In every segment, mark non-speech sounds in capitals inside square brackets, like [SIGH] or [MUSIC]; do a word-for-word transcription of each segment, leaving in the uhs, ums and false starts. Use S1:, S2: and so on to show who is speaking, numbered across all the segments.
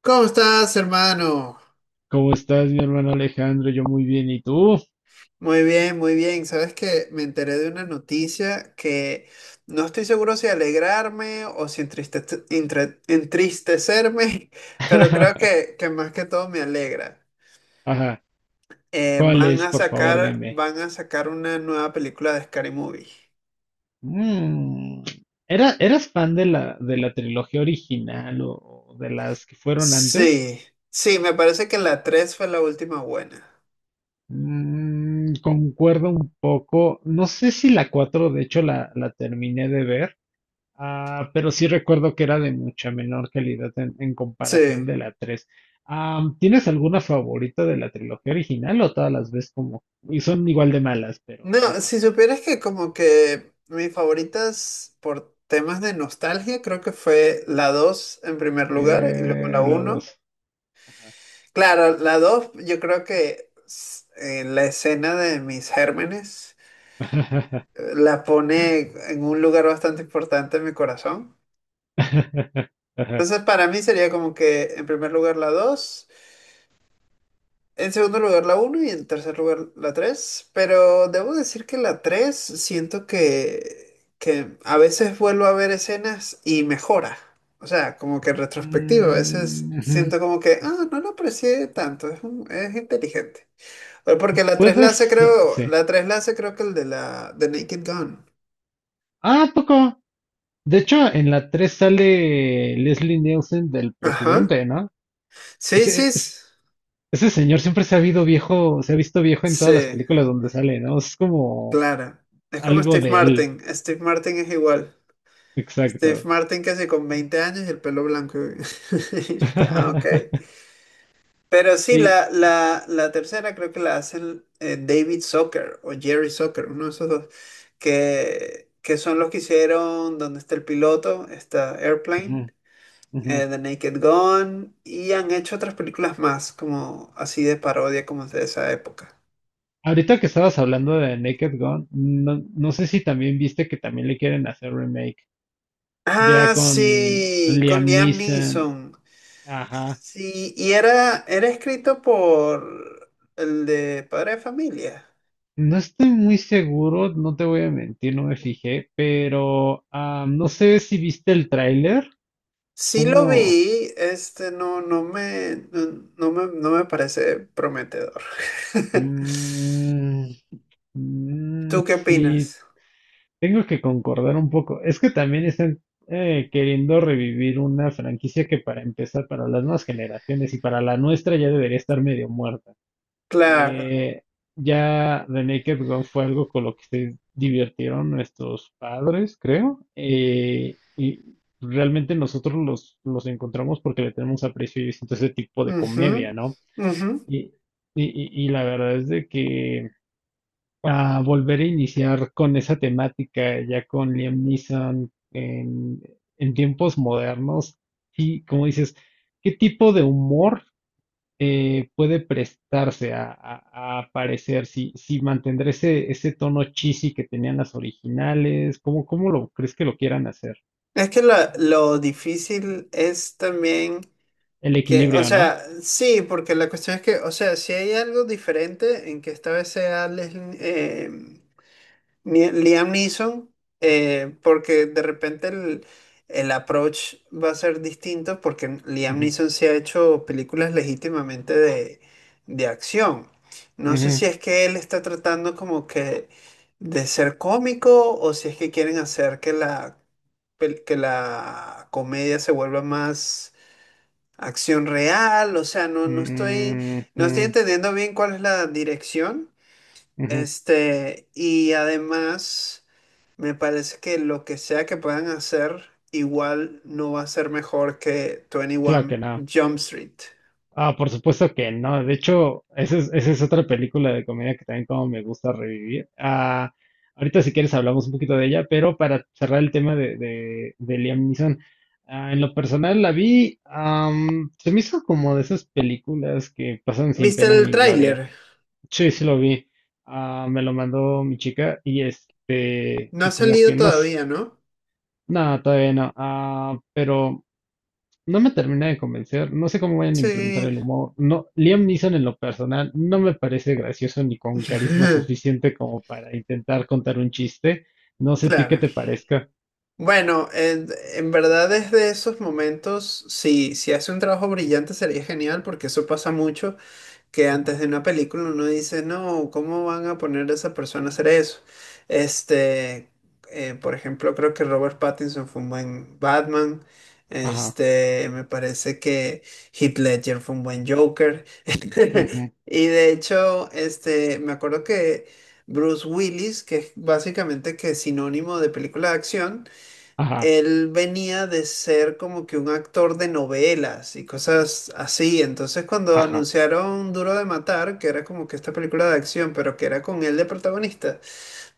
S1: ¿Cómo estás, hermano?
S2: ¿Cómo estás, mi hermano Alejandro? Yo muy bien, ¿y tú?
S1: Muy bien, muy bien. Sabes que me enteré de una noticia que no estoy seguro si alegrarme o si entristece- entre- entristecerme, [LAUGHS] pero creo
S2: [LAUGHS]
S1: que, que más que todo me alegra.
S2: Ajá.
S1: Eh,
S2: ¿Cuál
S1: van
S2: es,
S1: a
S2: por favor,
S1: sacar,
S2: dime?
S1: van a sacar una nueva película de Scary Movie.
S2: Mm, ¿Era, eras fan de la, de la trilogía original o de las que fueron antes?
S1: Sí, sí, me parece que la tres fue la última buena.
S2: Mm, concuerdo un poco. No sé si la cuatro, de hecho, la, la terminé de ver. Ah, pero sí recuerdo que era de mucha menor calidad en, en comparación
S1: Sí.
S2: de la tres. Am, ¿tienes alguna favorita de la trilogía original o todas las ves como? Y son igual de malas, pero
S1: No,
S2: las
S1: si
S2: amo.
S1: supieras que como que mis favoritas por temas de nostalgia, creo que fue la dos en primer lugar y luego la
S2: Eh, la
S1: uno.
S2: dos.
S1: Claro, la dos yo creo que s- en la escena de mis gérmenes eh, la pone en un lugar bastante importante en mi corazón.
S2: [LAUGHS]
S1: Entonces para mí sería como que en primer lugar la dos. En segundo lugar la uno y en tercer lugar la tres, pero debo decir que la tres siento que, que a veces vuelvo a ver escenas y mejora. O sea, como que en retrospectiva, a veces
S2: Mm, ujú.
S1: siento como que, ah, no lo aprecié tanto, es, un- es inteligente. O Porque la tres la hace
S2: Puedes. eh,
S1: creo,
S2: Sí.
S1: la tres la hace creo que el de la de Naked Gun.
S2: Ah, ¿a poco? De hecho, en la tres sale Leslie Nielsen del
S1: Ajá.
S2: presidente, ¿no?
S1: Sí, sí,
S2: Ese, es-
S1: s-
S2: ese señor siempre se ha habido viejo, se ha visto viejo en todas las
S1: sí,
S2: películas donde sale, ¿no? Es como
S1: claro. Es como
S2: algo
S1: Steve
S2: de él,
S1: Martin, Steve Martin es igual. Steve
S2: exacto.
S1: Martin casi con veinte años y el pelo blanco, güey. [LAUGHS] Ah, ok.
S2: [LAUGHS]
S1: Pero sí,
S2: Y
S1: la, la, la tercera creo que la hacen eh, David Zucker o Jerry Zucker, uno de esos dos, que, que son los que hicieron Donde está el piloto? Está
S2: ujú,
S1: Airplane,
S2: ujú.
S1: eh, The Naked Gun, y han hecho otras películas más, como así de parodia, como de esa época.
S2: Ahorita que estabas hablando de Naked Gun, no, no sé si también viste que también le quieren hacer remake, ya
S1: Ah,
S2: con
S1: sí, con
S2: Liam
S1: Liam
S2: Neeson.
S1: Neeson.
S2: Ajá.
S1: Sí, y era, era escrito por el de Padre de Familia.
S2: No estoy muy seguro, no te voy a mentir, no me fijé, pero ah, no sé si viste el tráiler,
S1: Sí lo
S2: como.
S1: vi, este no, no me, no, no me, no me parece prometedor. [LAUGHS]
S2: Mm, mm,
S1: ¿Tú qué
S2: si.
S1: opinas?
S2: Tengo que concordar un poco. Es que también están eh, queriendo revivir una franquicia que para empezar, para las nuevas generaciones y para la nuestra ya debería estar medio muerta.
S1: Claro.
S2: Eh, ya The Naked Gun fue algo con lo que se divirtieron nuestros padres, creo. Eh, y realmente nosotros los, los encontramos porque le tenemos aprecio y distinto a ese tipo de
S1: Ujú,
S2: comedia, ¿no?
S1: ujú.
S2: Y, y, y y la verdad es de que a volver a iniciar con esa temática ya con Liam Neeson en, en tiempos modernos. Y como dices, ¿qué tipo de humor eh, puede prestarse a, a- a aparecer? Si, si mantendrá ese, ese tono cheesy que tenían las originales, ¿cómo, cómo lo crees que lo quieran hacer?
S1: Es que lo, lo difícil es también
S2: El
S1: que, o
S2: equilibrio, ¿no?
S1: sea, sí, porque la cuestión es que, o sea, si hay algo diferente en que esta vez sea Leslie, em, Ni- Liam Neeson, eh, porque de repente el, el approach va a ser distinto, porque Liam
S2: Ujú,
S1: Neeson se ha hecho películas legítimamente de, de acción. No sé
S2: ujú,
S1: si es que él está tratando como que de ser cómico o si es que quieren hacer que la, pel- que la comedia se vuelva más acción real. O sea, no, no estoy, no estoy
S2: ujú,
S1: entendiendo bien cuál es la dirección.
S2: ujú.
S1: Este, y además, me parece que lo que sea que puedan hacer, igual no va a ser mejor que
S2: Claro
S1: veintiuno
S2: que no.
S1: Jump Street.
S2: Ah, por supuesto que no. De hecho, esa es, esa es otra película de comedia que también como me gusta revivir. Ah, ahorita si quieres hablamos un poquito de ella, pero para cerrar el tema de, de, de Liam Neeson, ah, en lo personal la vi, am, se me hizo como de esas películas que pasan sin
S1: ¿Viste
S2: pena
S1: el
S2: ni gloria.
S1: tráiler?
S2: Sí, sí lo vi. Ah, me lo mandó mi chica y este,
S1: No ha
S2: y como que
S1: salido
S2: no, s-
S1: todavía, ¿no?
S2: no, todavía no. Ah, pero no me termina de convencer, no sé cómo vayan a implementar
S1: Sí.
S2: el humor. No, Liam Neeson en lo personal no me parece gracioso ni con carisma
S1: [LAUGHS]
S2: suficiente como para intentar contar un chiste. No sé a ti qué
S1: Claro.
S2: te parezca.
S1: Bueno, en, en verdad desde esos momentos, si, si hace un trabajo brillante sería genial porque eso pasa mucho. Que antes
S2: Ajá,
S1: de una película uno dice, no, ¿cómo van a poner a esa persona a hacer eso? Este, eh, por ejemplo, creo que Robert Pattinson fue un buen Batman.
S2: ajá,
S1: Este, me parece que Heath Ledger fue un buen Joker.
S2: ujú,
S1: [LAUGHS] Y de hecho, este, me acuerdo que Bruce Willis, que es básicamente que es sinónimo de película de acción,
S2: ajá,
S1: él venía de ser como que un actor de novelas y cosas así. Entonces cuando
S2: ajá.
S1: anunciaron Duro de Matar, que era como que esta película de acción, pero que era con él de protagonista,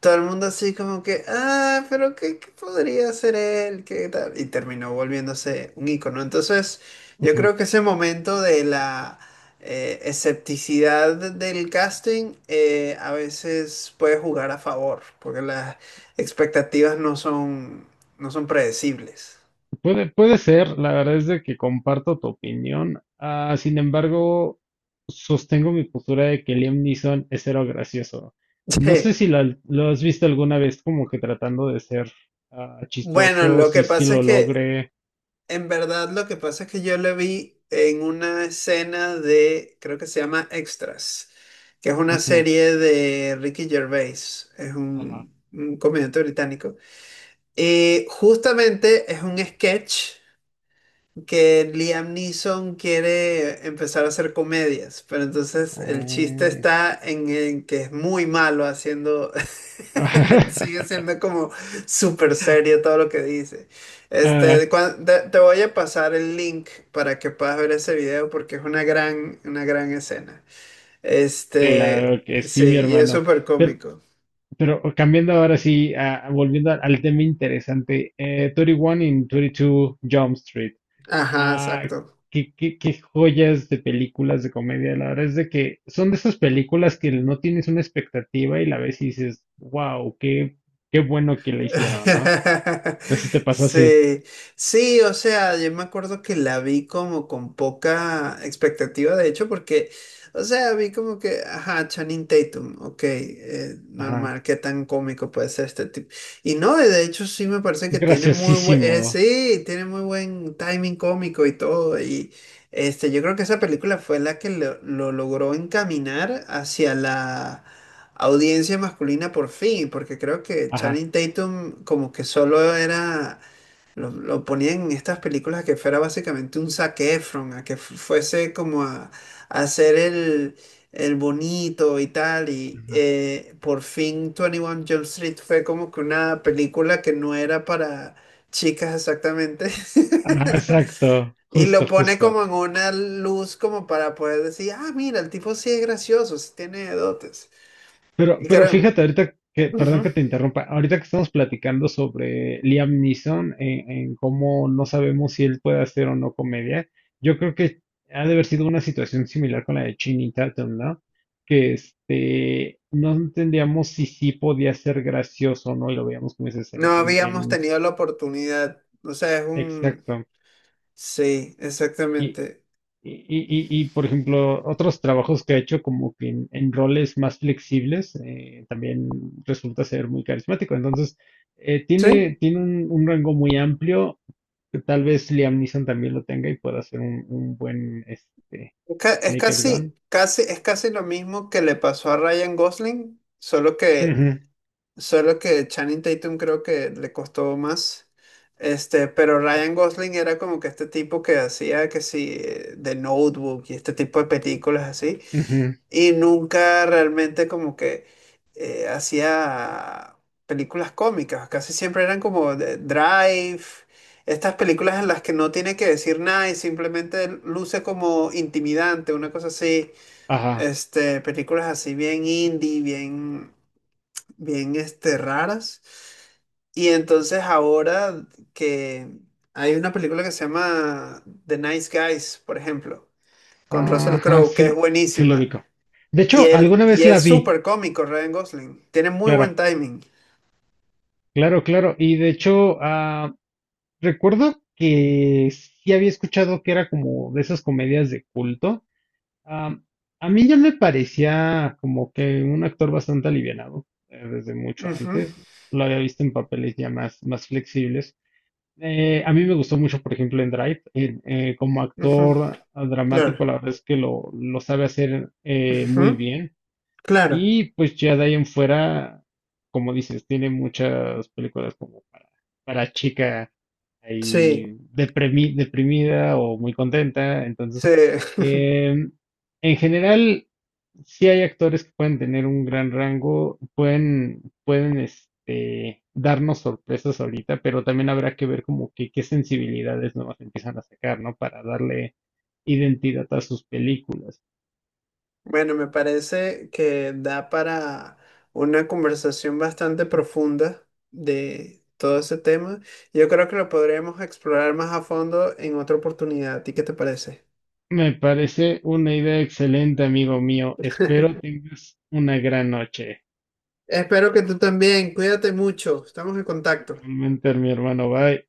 S1: todo el mundo así como que, ah, pero ¿qué, ¿qué podría ser él? ¿Qué tal? Y terminó volviéndose un ícono. Entonces, yo
S2: Ujú.
S1: creo que ese momento de la eh, escepticidad del casting eh, a veces puede jugar a favor, porque las expectativas no son, no son predecibles.
S2: Puede, puede ser, la verdad es de que comparto tu opinión. Ah, sin embargo, sostengo mi postura de que Liam Neeson es cero gracioso.
S1: [LAUGHS]
S2: No sé
S1: Sí.
S2: si lo, lo has visto alguna vez como que tratando de ser ah,
S1: Bueno,
S2: chistoso,
S1: lo que
S2: si sí
S1: pasa es
S2: lo
S1: que
S2: logre.
S1: En verdad, lo que pasa es que yo la vi en una escena de, creo que se llama Extras, que es una
S2: Ujú,
S1: serie de Ricky Gervais, es
S2: ajá.
S1: un, un comediante británico. Y justamente es un sketch que Liam Neeson quiere empezar a hacer comedias, pero entonces el chiste
S2: Mm.
S1: está en, en que es muy malo haciendo, [LAUGHS] sigue
S2: [LAUGHS]
S1: siendo como súper serio todo lo que dice.
S2: Ah,
S1: Este, cuan- te, te voy a pasar el link para que puedas ver ese video porque es una gran, una gran escena. Este,
S2: claro que
S1: sí,
S2: sí, mi
S1: y es
S2: hermano.
S1: súper
S2: Pero,
S1: cómico.
S2: pero cambiando ahora sí, ah, volviendo al, al tema interesante, eh, treinta y uno in veintidós Jump Street.
S1: Ajá,
S2: Ah,
S1: exacto.
S2: qué, qué, qué joyas de películas de comedia. La verdad es de que son de esas películas que no tienes una expectativa y la ves y dices, wow, qué, qué bueno que la hicieron, ¿no?
S1: [LAUGHS]
S2: No sé si te pasó así.
S1: Sí, sí, o sea, yo me acuerdo que la vi como con poca expectativa, de hecho, porque, o sea, vi como que, ajá, Channing Tatum, ok, eh,
S2: Ajá.
S1: normal, qué tan cómico puede ser este tipo. Y no, de hecho, sí me parece
S2: Es
S1: que tiene muy buen,
S2: graciosísimo.
S1: sí, tiene muy buen timing cómico y todo, y este, yo creo que esa película fue la que lo, lo logró encaminar hacia la audiencia masculina por fin, porque creo que
S2: Ajá.
S1: Channing Tatum como que solo era, lo, lo ponían en estas películas que fuera básicamente un Zac Efron, a que fu- fuese como a, a hacer el, el bonito y tal, y
S2: Ajá,
S1: eh, por fin veintiuno Jump Street fue como que una película que no era para chicas exactamente.
S2: ajá,
S1: [LAUGHS]
S2: exacto.
S1: Y lo
S2: Justo,
S1: pone
S2: justo.
S1: como en una luz como para poder decir, ah, mira, el tipo sí es gracioso, sí tiene dotes.
S2: Pero,
S1: Y
S2: pero
S1: claro,
S2: fíjate, ahorita que, perdón
S1: ujú.
S2: que te interrumpa, ahorita que estamos platicando sobre Liam Neeson, en, en cómo no sabemos si él puede hacer o no comedia, yo creo que ha de haber sido una situación similar con la de Channing Tatum, ¿no? Que este, no entendíamos si sí podía ser gracioso o no, y lo veíamos como dices
S1: No
S2: en, en,
S1: habíamos
S2: en-
S1: tenido la oportunidad. O sea, es un...
S2: exacto.
S1: Sí, exactamente.
S2: Y, y, y, y, por ejemplo, otros trabajos que ha hecho como que en, en roles más flexibles, eh, también resulta ser muy carismático. Entonces, eh,
S1: Sí,
S2: tiene, tiene un, un rango muy amplio, que tal vez Liam Neeson también lo tenga y pueda hacer un, un buen este,
S1: es, ca-
S2: eh,
S1: es
S2: Naked Gun.
S1: casi, casi, es casi lo mismo que le pasó a Ryan Gosling, solo que,
S2: Ujú,
S1: solo que Channing Tatum creo que le costó más. Este, pero Ryan Gosling era como que este tipo que hacía que sí, eh, The Notebook y este tipo de películas así.
S2: ujú,
S1: Y nunca realmente como que eh, hacía películas cómicas, casi siempre eran como de- Drive, estas películas en las que no tiene que decir nada y simplemente luce como intimidante, una cosa así,
S2: ajá,
S1: este, películas así bien indie, bien, bien este, raras. Y entonces ahora que hay una película que se llama The Nice Guys, por ejemplo, con Russell
S2: ajá,
S1: Crowe, que es
S2: se, se lo
S1: buenísima.
S2: ubicó. De
S1: Y
S2: hecho,
S1: él,
S2: alguna
S1: y
S2: vez la
S1: es
S2: vi,
S1: súper cómico Ryan Gosling. Tiene muy
S2: claro,
S1: buen timing.
S2: claro, claro. Y de hecho, ah, recuerdo que sí había escuchado que era como de esas comedias de culto. Am, a mí ya me parecía como que un actor bastante alivianado eh, desde mucho
S1: Ujú,
S2: antes. Lo había visto en papeles ya más, más flexibles. Eh, a mí me gustó mucho, por ejemplo, en Drive. En- eh, como
S1: ujú,
S2: actor ah, dramático,
S1: claro.
S2: la verdad es que lo, lo sabe hacer eh, muy
S1: Ujú,
S2: bien.
S1: claro.
S2: Y pues ya de ahí en fuera, como dices, tiene muchas películas como para, para chica ahí
S1: Sí,
S2: deprimi- deprimida o muy contenta.
S1: sí.
S2: Entonces,
S1: [LAUGHS]
S2: em, en general, sí hay actores que pueden tener un gran rango, pueden, pueden este, darnos sorpresas ahorita, pero también habrá que ver como que qué sensibilidades nuevas empiezan a sacar, ¿no? Para darle identidad a sus películas.
S1: Bueno, me parece que da para una conversación bastante profunda de todo ese tema. Yo creo que lo podríamos explorar más a fondo en otra oportunidad. ¿A ti qué te parece?
S2: Me parece una idea excelente, amigo mío. Espero tengas una gran noche.
S1: Espero que tú también. Cuídate mucho. Estamos en contacto.
S2: Igualmente, mi hermano, bye.